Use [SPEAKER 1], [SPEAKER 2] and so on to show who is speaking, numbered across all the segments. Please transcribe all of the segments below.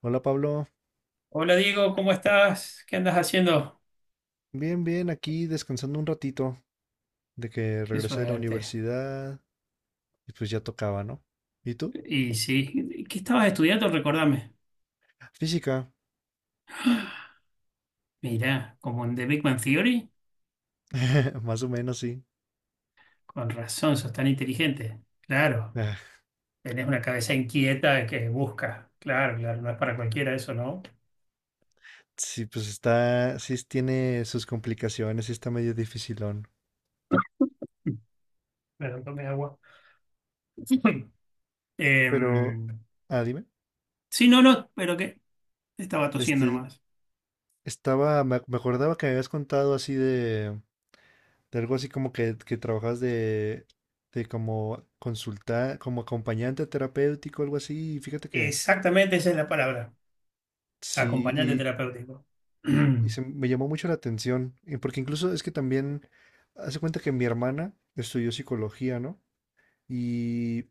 [SPEAKER 1] Hola Pablo,
[SPEAKER 2] Hola Diego, ¿cómo estás? ¿Qué andas haciendo?
[SPEAKER 1] bien, bien, aquí descansando un ratito de que
[SPEAKER 2] Qué
[SPEAKER 1] regresé de la
[SPEAKER 2] suerte.
[SPEAKER 1] universidad. Y pues ya tocaba, ¿no? ¿Y tú?
[SPEAKER 2] Y sí, ¿qué estabas estudiando? Recordame.
[SPEAKER 1] Física.
[SPEAKER 2] Mirá, como en The Big Bang Theory,
[SPEAKER 1] Más o menos sí.
[SPEAKER 2] con razón, sos tan inteligente. Claro,
[SPEAKER 1] Ah,
[SPEAKER 2] tenés una cabeza inquieta que busca. Claro, claro, no es para cualquiera eso, ¿no?
[SPEAKER 1] sí, pues está, sí tiene sus complicaciones, sí está medio dificilón.
[SPEAKER 2] Perdón, tomé agua.
[SPEAKER 1] Pero,
[SPEAKER 2] Em,
[SPEAKER 1] ah, dime,
[SPEAKER 2] sí, no, no, pero que estaba tosiendo
[SPEAKER 1] este,
[SPEAKER 2] nomás.
[SPEAKER 1] estaba, me acordaba que me habías contado así de algo así como que trabajas de como consultar, como acompañante terapéutico, algo así, y fíjate que
[SPEAKER 2] Exactamente esa es la palabra, acompañante
[SPEAKER 1] sí.
[SPEAKER 2] terapéutico.
[SPEAKER 1] Y se me llamó mucho la atención, y porque incluso es que también hace cuenta que mi hermana estudió psicología, ¿no? Y,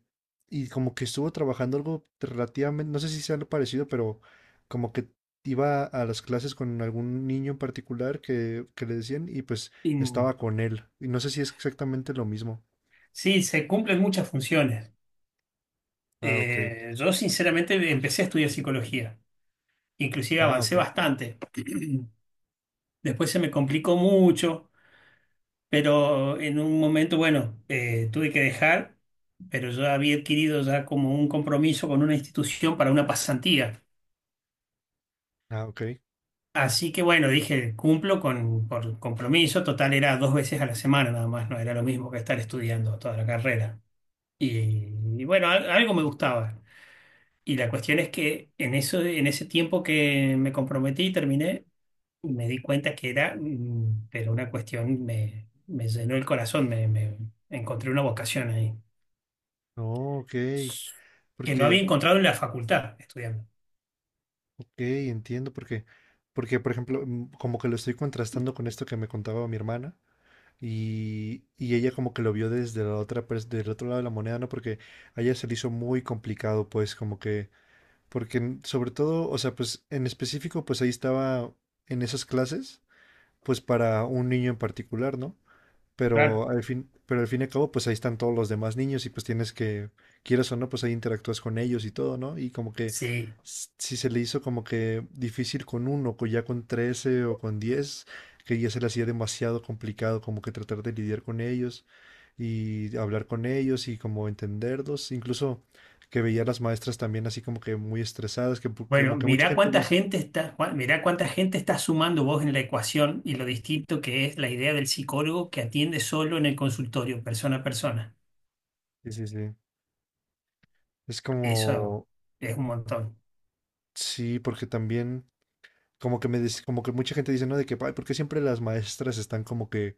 [SPEAKER 1] y como que estuvo trabajando algo relativamente, no sé si sea algo parecido, pero como que iba a las clases con algún niño en particular que le decían y pues
[SPEAKER 2] Y,
[SPEAKER 1] estaba con él. Y no sé si es exactamente lo mismo.
[SPEAKER 2] sí, se cumplen muchas funciones.
[SPEAKER 1] Ah, ok.
[SPEAKER 2] Yo sinceramente empecé a estudiar psicología, inclusive
[SPEAKER 1] Ah,
[SPEAKER 2] avancé
[SPEAKER 1] ok.
[SPEAKER 2] bastante. Después se me complicó mucho, pero en un momento, bueno, tuve que dejar, pero yo había adquirido ya como un compromiso con una institución para una pasantía.
[SPEAKER 1] Ah, ok.
[SPEAKER 2] Así que bueno, dije, cumplo con por compromiso, total era dos veces a la semana nada más, no era lo mismo que estar estudiando toda la carrera. Y, y bueno, algo me gustaba. Y la cuestión es que en eso, en ese tiempo que me comprometí y terminé, me di cuenta que era, pero una cuestión me llenó el corazón, me encontré una vocación ahí,
[SPEAKER 1] No, ok.
[SPEAKER 2] que no había
[SPEAKER 1] Porque,
[SPEAKER 2] encontrado en la facultad estudiando.
[SPEAKER 1] ok, entiendo, porque, porque, por ejemplo, como que lo estoy contrastando con esto que me contaba mi hermana. Y ella como que lo vio desde la otra, del otro lado de la moneda, ¿no? Porque a ella se le hizo muy complicado, pues, como que, porque sobre todo, o sea, pues en específico, pues ahí estaba en esas clases, pues para un niño en particular, ¿no?
[SPEAKER 2] Claro.
[SPEAKER 1] Pero al fin, pero al fin y al cabo, pues ahí están todos los demás niños y pues tienes que, quieras o no, pues ahí interactúas con ellos y todo, ¿no? Y como que
[SPEAKER 2] Sí.
[SPEAKER 1] si se le hizo como que difícil con uno, con ya con 13 o con 10, que ya se le hacía demasiado complicado como que tratar de lidiar con ellos y hablar con ellos y como entenderlos, incluso que veía a las maestras también así como que muy estresadas, que
[SPEAKER 2] Bueno,
[SPEAKER 1] como que mucha
[SPEAKER 2] mirá
[SPEAKER 1] gente
[SPEAKER 2] cuánta
[SPEAKER 1] dice,
[SPEAKER 2] gente está, Juan, mirá cuánta gente está sumando vos en la ecuación y lo distinto que es la idea del psicólogo que atiende solo en el consultorio, persona a persona.
[SPEAKER 1] sí, sí, sí. Es
[SPEAKER 2] Eso
[SPEAKER 1] como,
[SPEAKER 2] es un montón.
[SPEAKER 1] sí, porque también, como que como que mucha gente dice, ¿no? De que, ay, ¿por qué siempre las maestras están como que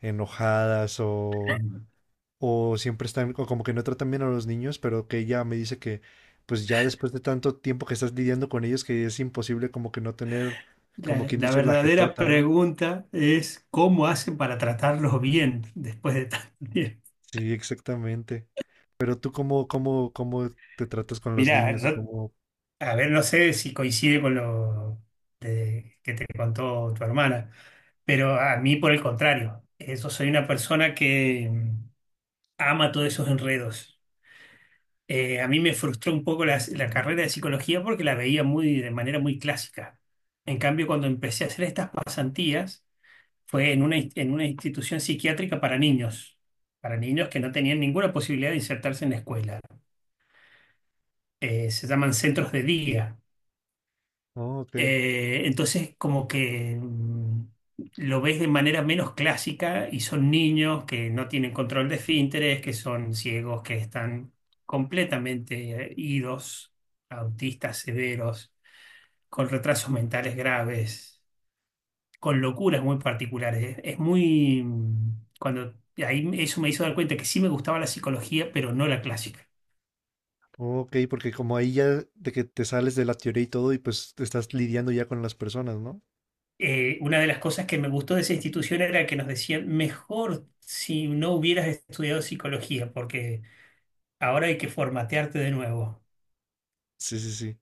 [SPEAKER 1] enojadas o siempre están o como que no tratan bien a los niños? Pero que ella me dice que, pues ya después de tanto tiempo que estás lidiando con ellos, que es imposible como que no tener, como
[SPEAKER 2] La,
[SPEAKER 1] quien
[SPEAKER 2] la
[SPEAKER 1] dice, la
[SPEAKER 2] verdadera
[SPEAKER 1] jetota, ¿no?
[SPEAKER 2] pregunta es cómo hacen para tratarlos bien después de tanto tiempo.
[SPEAKER 1] Sí, exactamente. Pero tú cómo, cómo, cómo te tratas con los
[SPEAKER 2] Mirá,
[SPEAKER 1] niños o
[SPEAKER 2] yo,
[SPEAKER 1] cómo...
[SPEAKER 2] a ver, no sé si coincide con lo que te contó tu hermana, pero a mí por el contrario, eso soy una persona que ama todos esos enredos. A mí me frustró un poco la carrera de psicología porque la veía muy, de manera muy clásica. En cambio, cuando empecé a hacer estas pasantías, fue en en una institución psiquiátrica para niños que no tenían ninguna posibilidad de insertarse en la escuela. Se llaman centros de día.
[SPEAKER 1] Oh, ok.
[SPEAKER 2] Entonces, como que lo ves de manera menos clásica y son niños que no tienen control de esfínteres, que son ciegos, que están completamente idos, autistas severos, con retrasos mentales graves, con locuras muy particulares. Es muy... mm, Cuando Ahí eso me hizo dar cuenta que sí me gustaba la psicología, pero no la clásica.
[SPEAKER 1] Oh, ok, porque como ahí ya de que te sales de la teoría y todo y pues te estás lidiando ya con las personas, ¿no?
[SPEAKER 2] Una de las cosas que me gustó de esa institución era que nos decían, mejor si no hubieras estudiado psicología, porque ahora hay que formatearte de nuevo.
[SPEAKER 1] Sí, sí, sí.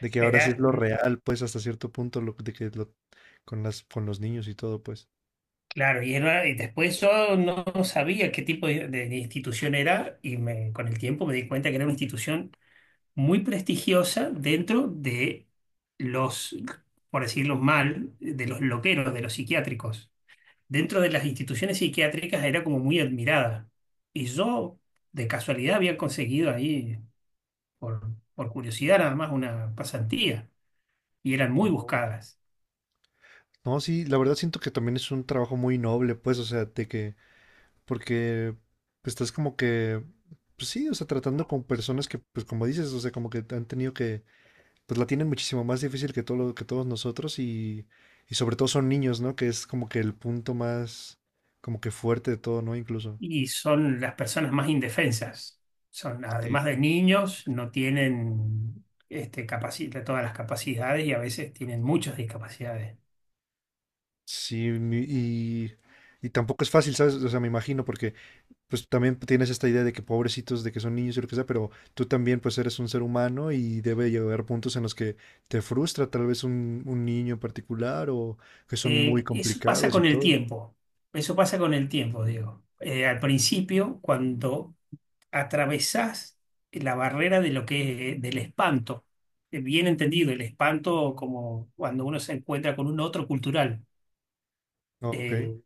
[SPEAKER 1] De que ahora sí
[SPEAKER 2] Era
[SPEAKER 1] es lo
[SPEAKER 2] un-
[SPEAKER 1] real, pues, hasta cierto punto, lo, de que lo, con las, con los niños y todo, pues.
[SPEAKER 2] Claro, y, y después yo no sabía qué tipo de institución era y me, con el tiempo me di cuenta que era una institución muy prestigiosa dentro de los, por decirlo mal, de los loqueros, de los psiquiátricos. Dentro de las instituciones psiquiátricas era como muy admirada. Y yo, de casualidad, había conseguido ahí, por curiosidad nada más, una pasantía. Y eran muy
[SPEAKER 1] Oh.
[SPEAKER 2] buscadas.
[SPEAKER 1] No, sí, la verdad siento que también es un trabajo muy noble, pues, o sea, de que, porque pues, estás como que, pues sí, o sea, tratando con personas que, pues como dices, o sea, como que han tenido que, pues la tienen muchísimo más difícil que todo que todos nosotros y sobre todo son niños, ¿no? Que es como que el punto más, como que fuerte de todo, ¿no? Incluso.
[SPEAKER 2] Y son las personas más indefensas. Son,
[SPEAKER 1] Sí,
[SPEAKER 2] además de niños, no tienen este, todas las capacidades y a veces tienen muchas discapacidades.
[SPEAKER 1] sí, y tampoco es fácil, ¿sabes? O sea, me imagino, porque pues también tienes esta idea de que pobrecitos, de que son niños y lo que sea, pero tú también pues eres un ser humano y debe llegar puntos en los que te frustra tal vez un niño en particular o que son muy
[SPEAKER 2] Eso pasa
[SPEAKER 1] complicados y
[SPEAKER 2] con el
[SPEAKER 1] todo.
[SPEAKER 2] tiempo, eso pasa con el tiempo, digo. Al principio, cuando atravesás la barrera de lo del espanto, bien entendido, el espanto como cuando uno se encuentra con un otro cultural.
[SPEAKER 1] Ah, ok,
[SPEAKER 2] Eh,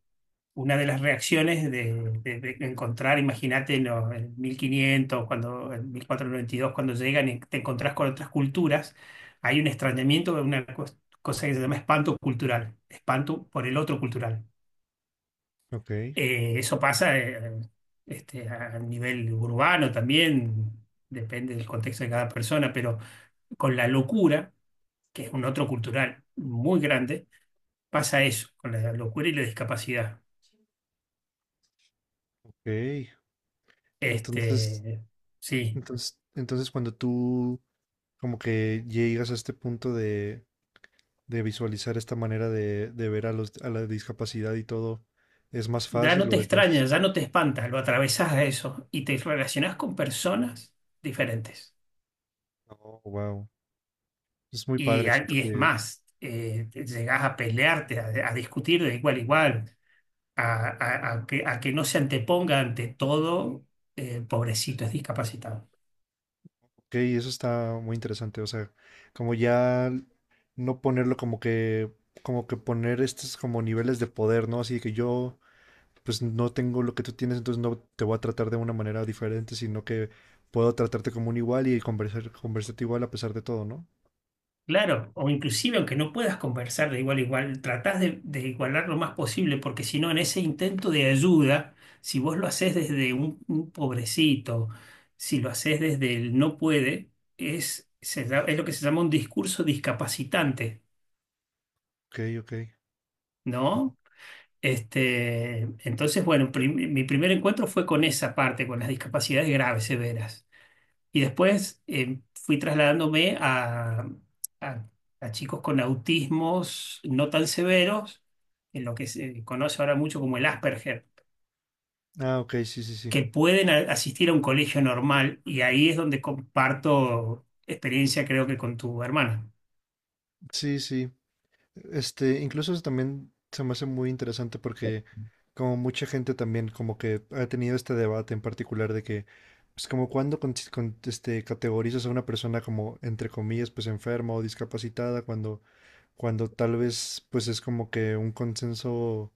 [SPEAKER 2] una de las reacciones de encontrar, imagínate, en 1500, cuando, en 1492, cuando llegan y te encontrás con otras culturas, hay un extrañamiento, una cosa que se llama espanto cultural, espanto por el otro cultural.
[SPEAKER 1] ok,
[SPEAKER 2] Eso pasa a nivel urbano también, depende del contexto de cada persona, pero con la locura, que es un otro cultural muy grande, pasa eso, con la locura y la discapacidad.
[SPEAKER 1] ok. Entonces,
[SPEAKER 2] Este, sí,
[SPEAKER 1] entonces cuando tú como que llegas a este punto de visualizar esta manera de ver a los, a la discapacidad y todo, ¿es más
[SPEAKER 2] ya no
[SPEAKER 1] fácil
[SPEAKER 2] te
[SPEAKER 1] o es más...
[SPEAKER 2] extrañas, ya no te espantas, lo atravesás a eso y te relacionás con personas diferentes.
[SPEAKER 1] Oh, wow. Es muy
[SPEAKER 2] Y,
[SPEAKER 1] padre, siento
[SPEAKER 2] y es
[SPEAKER 1] que...
[SPEAKER 2] más, llegás a pelearte, a discutir de igual a igual, a que no se anteponga ante todo, pobrecito, es discapacitado.
[SPEAKER 1] Ok, eso está muy interesante. O sea, como ya no ponerlo como que poner estos como niveles de poder, ¿no? Así que yo, pues no tengo lo que tú tienes, entonces no te voy a tratar de una manera diferente, sino que puedo tratarte como un igual y conversar, conversarte igual a pesar de todo, ¿no?
[SPEAKER 2] Claro, o inclusive aunque no puedas conversar de igual a igual, tratás de igualar lo más posible, porque si no, en ese intento de ayuda, si vos lo haces desde un pobrecito, si lo haces desde el no puede, es lo que se llama un discurso discapacitante,
[SPEAKER 1] Ok, ok.
[SPEAKER 2] ¿no? Entonces, bueno, mi primer encuentro fue con esa parte, con las discapacidades graves, severas. Y después fui trasladándome a- a chicos con autismos no tan severos, en lo que se conoce ahora mucho como el Asperger,
[SPEAKER 1] Ah, ok, sí, sí, sí.
[SPEAKER 2] que pueden asistir a un colegio normal y ahí es donde comparto experiencia, creo que con tu hermana.
[SPEAKER 1] Sí, sí. Este, incluso eso también se me hace muy interesante porque como mucha gente también como que ha tenido este debate en particular de que pues como cuando con, este, categorizas a una persona como entre comillas pues enferma o discapacitada cuando cuando tal vez pues es como que un consenso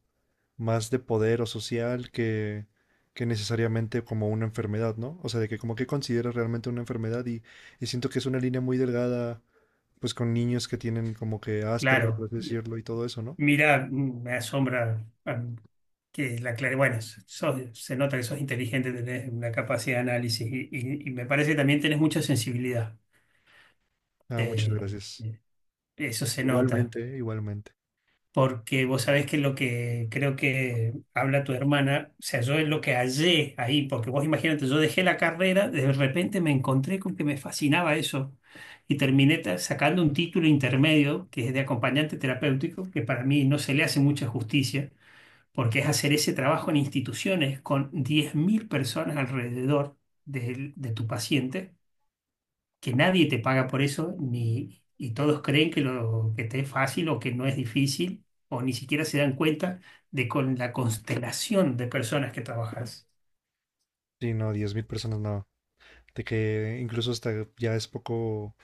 [SPEAKER 1] más de poder o social que necesariamente como una enfermedad, ¿no? O sea, de que como que consideras realmente una enfermedad y siento que es una línea muy delgada pues con niños que tienen como que Asperger, por
[SPEAKER 2] Claro,
[SPEAKER 1] así decirlo, y todo eso, ¿no?
[SPEAKER 2] mira, me asombra que la claridad, bueno, se nota que sos inteligente, tenés una capacidad de análisis y me parece que también tenés mucha sensibilidad.
[SPEAKER 1] Ah, muchas
[SPEAKER 2] Eh,
[SPEAKER 1] gracias.
[SPEAKER 2] Eso se nota,
[SPEAKER 1] Igualmente, igualmente.
[SPEAKER 2] porque vos sabés que lo que creo que habla tu hermana, o sea, yo es lo que hallé ahí, porque vos imagínate, yo dejé la carrera, de repente me encontré con que me fascinaba eso y terminé sacando un título intermedio que es de acompañante terapéutico, que para mí no se le hace mucha justicia, porque es hacer ese trabajo en instituciones con 10.000 personas alrededor de tu paciente que nadie te paga por eso, ni, y todos creen que, lo, que te es fácil o que no es difícil, o ni siquiera se dan cuenta de con la constelación de personas que trabajas.
[SPEAKER 1] Sí, no, 10.000 personas no. De que incluso hasta ya es poco,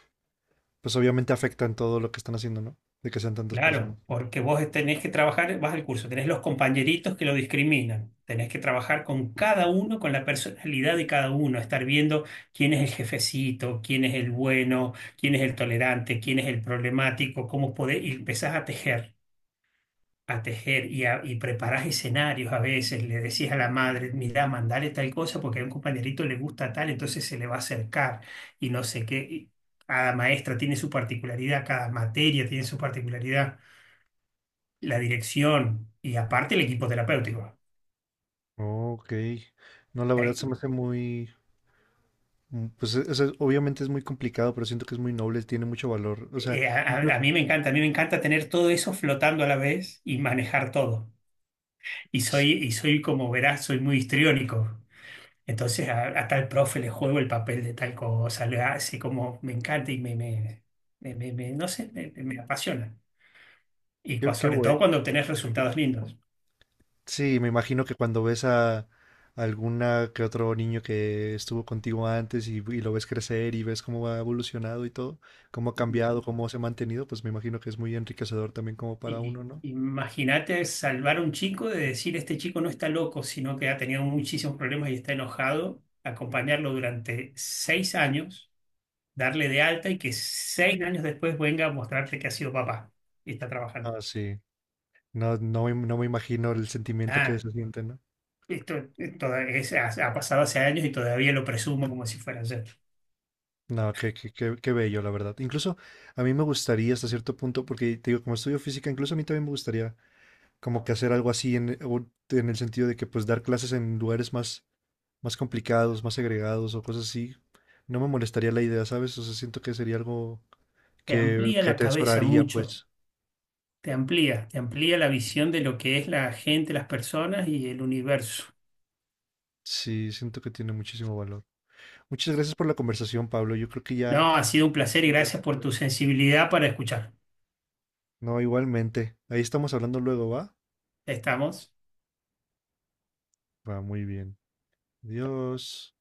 [SPEAKER 1] pues obviamente afectan todo lo que están haciendo, ¿no? De que sean tantas personas.
[SPEAKER 2] Claro, porque vos tenés que trabajar, vas al curso, tenés los compañeritos que lo discriminan, tenés que trabajar con cada uno, con la personalidad de cada uno, estar viendo quién es el jefecito, quién es el bueno, quién es el tolerante, quién es el problemático, cómo podés, y empezás a tejer, a tejer y, y preparás escenarios a veces, le decís a la madre, mirá, mandale tal cosa porque a un compañerito le gusta tal, entonces se le va a acercar y no sé qué. Y cada maestra tiene su particularidad, cada materia tiene su particularidad, la dirección y aparte el equipo terapéutico.
[SPEAKER 1] Ok. No, la verdad
[SPEAKER 2] Eh,
[SPEAKER 1] se me hace muy, pues obviamente es muy complicado, pero siento que es muy noble, tiene mucho valor. O sea,
[SPEAKER 2] a
[SPEAKER 1] incluso,
[SPEAKER 2] mí me encanta, a mí me encanta tener todo eso flotando a la vez y manejar todo.
[SPEAKER 1] sí,
[SPEAKER 2] Y soy como verás, soy muy histriónico. Entonces a tal profe le juego el papel de tal cosa, le así como me encanta y no sé, me apasiona. Y
[SPEAKER 1] qué,
[SPEAKER 2] sobre todo cuando obtenés resultados lindos.
[SPEAKER 1] sí, me imagino que cuando ves a alguna que otro niño que estuvo contigo antes y lo ves crecer y ves cómo ha evolucionado y todo, cómo ha cambiado, cómo se ha mantenido, pues me imagino que es muy enriquecedor también como para uno,
[SPEAKER 2] Y
[SPEAKER 1] ¿no?
[SPEAKER 2] imagínate salvar a un chico de decir, este chico no está loco, sino que ha tenido muchísimos problemas y está enojado, acompañarlo durante 6 años, darle de alta y que 6 años después venga a mostrarte que ha sido papá y está trabajando.
[SPEAKER 1] Ah, sí. No, no, no me imagino el sentimiento que
[SPEAKER 2] Ah,
[SPEAKER 1] se siente, ¿no?
[SPEAKER 2] Esto, ha pasado hace años y todavía lo presumo como si fuera ayer.
[SPEAKER 1] No, qué, qué, qué, qué bello, la verdad. Incluso a mí me gustaría hasta cierto punto, porque te digo, como estudio física, incluso a mí también me gustaría como que hacer algo así en, o en el sentido de que pues dar clases en lugares más más complicados, más segregados o cosas así, no me molestaría la idea, ¿sabes? O sea, siento que sería algo
[SPEAKER 2] Te amplía
[SPEAKER 1] que
[SPEAKER 2] la cabeza
[SPEAKER 1] atesoraría,
[SPEAKER 2] mucho,
[SPEAKER 1] pues.
[SPEAKER 2] te amplía la visión de lo que es la gente, las personas y el universo.
[SPEAKER 1] Sí, siento que tiene muchísimo valor. Muchas gracias por la conversación, Pablo. Yo creo que ya
[SPEAKER 2] No, ha sido un placer
[SPEAKER 1] me
[SPEAKER 2] y
[SPEAKER 1] voy a
[SPEAKER 2] gracias por
[SPEAKER 1] retirar.
[SPEAKER 2] tu sensibilidad para escuchar.
[SPEAKER 1] No, igualmente. Ahí estamos hablando luego, ¿va?
[SPEAKER 2] Estamos.
[SPEAKER 1] Va muy bien. Adiós.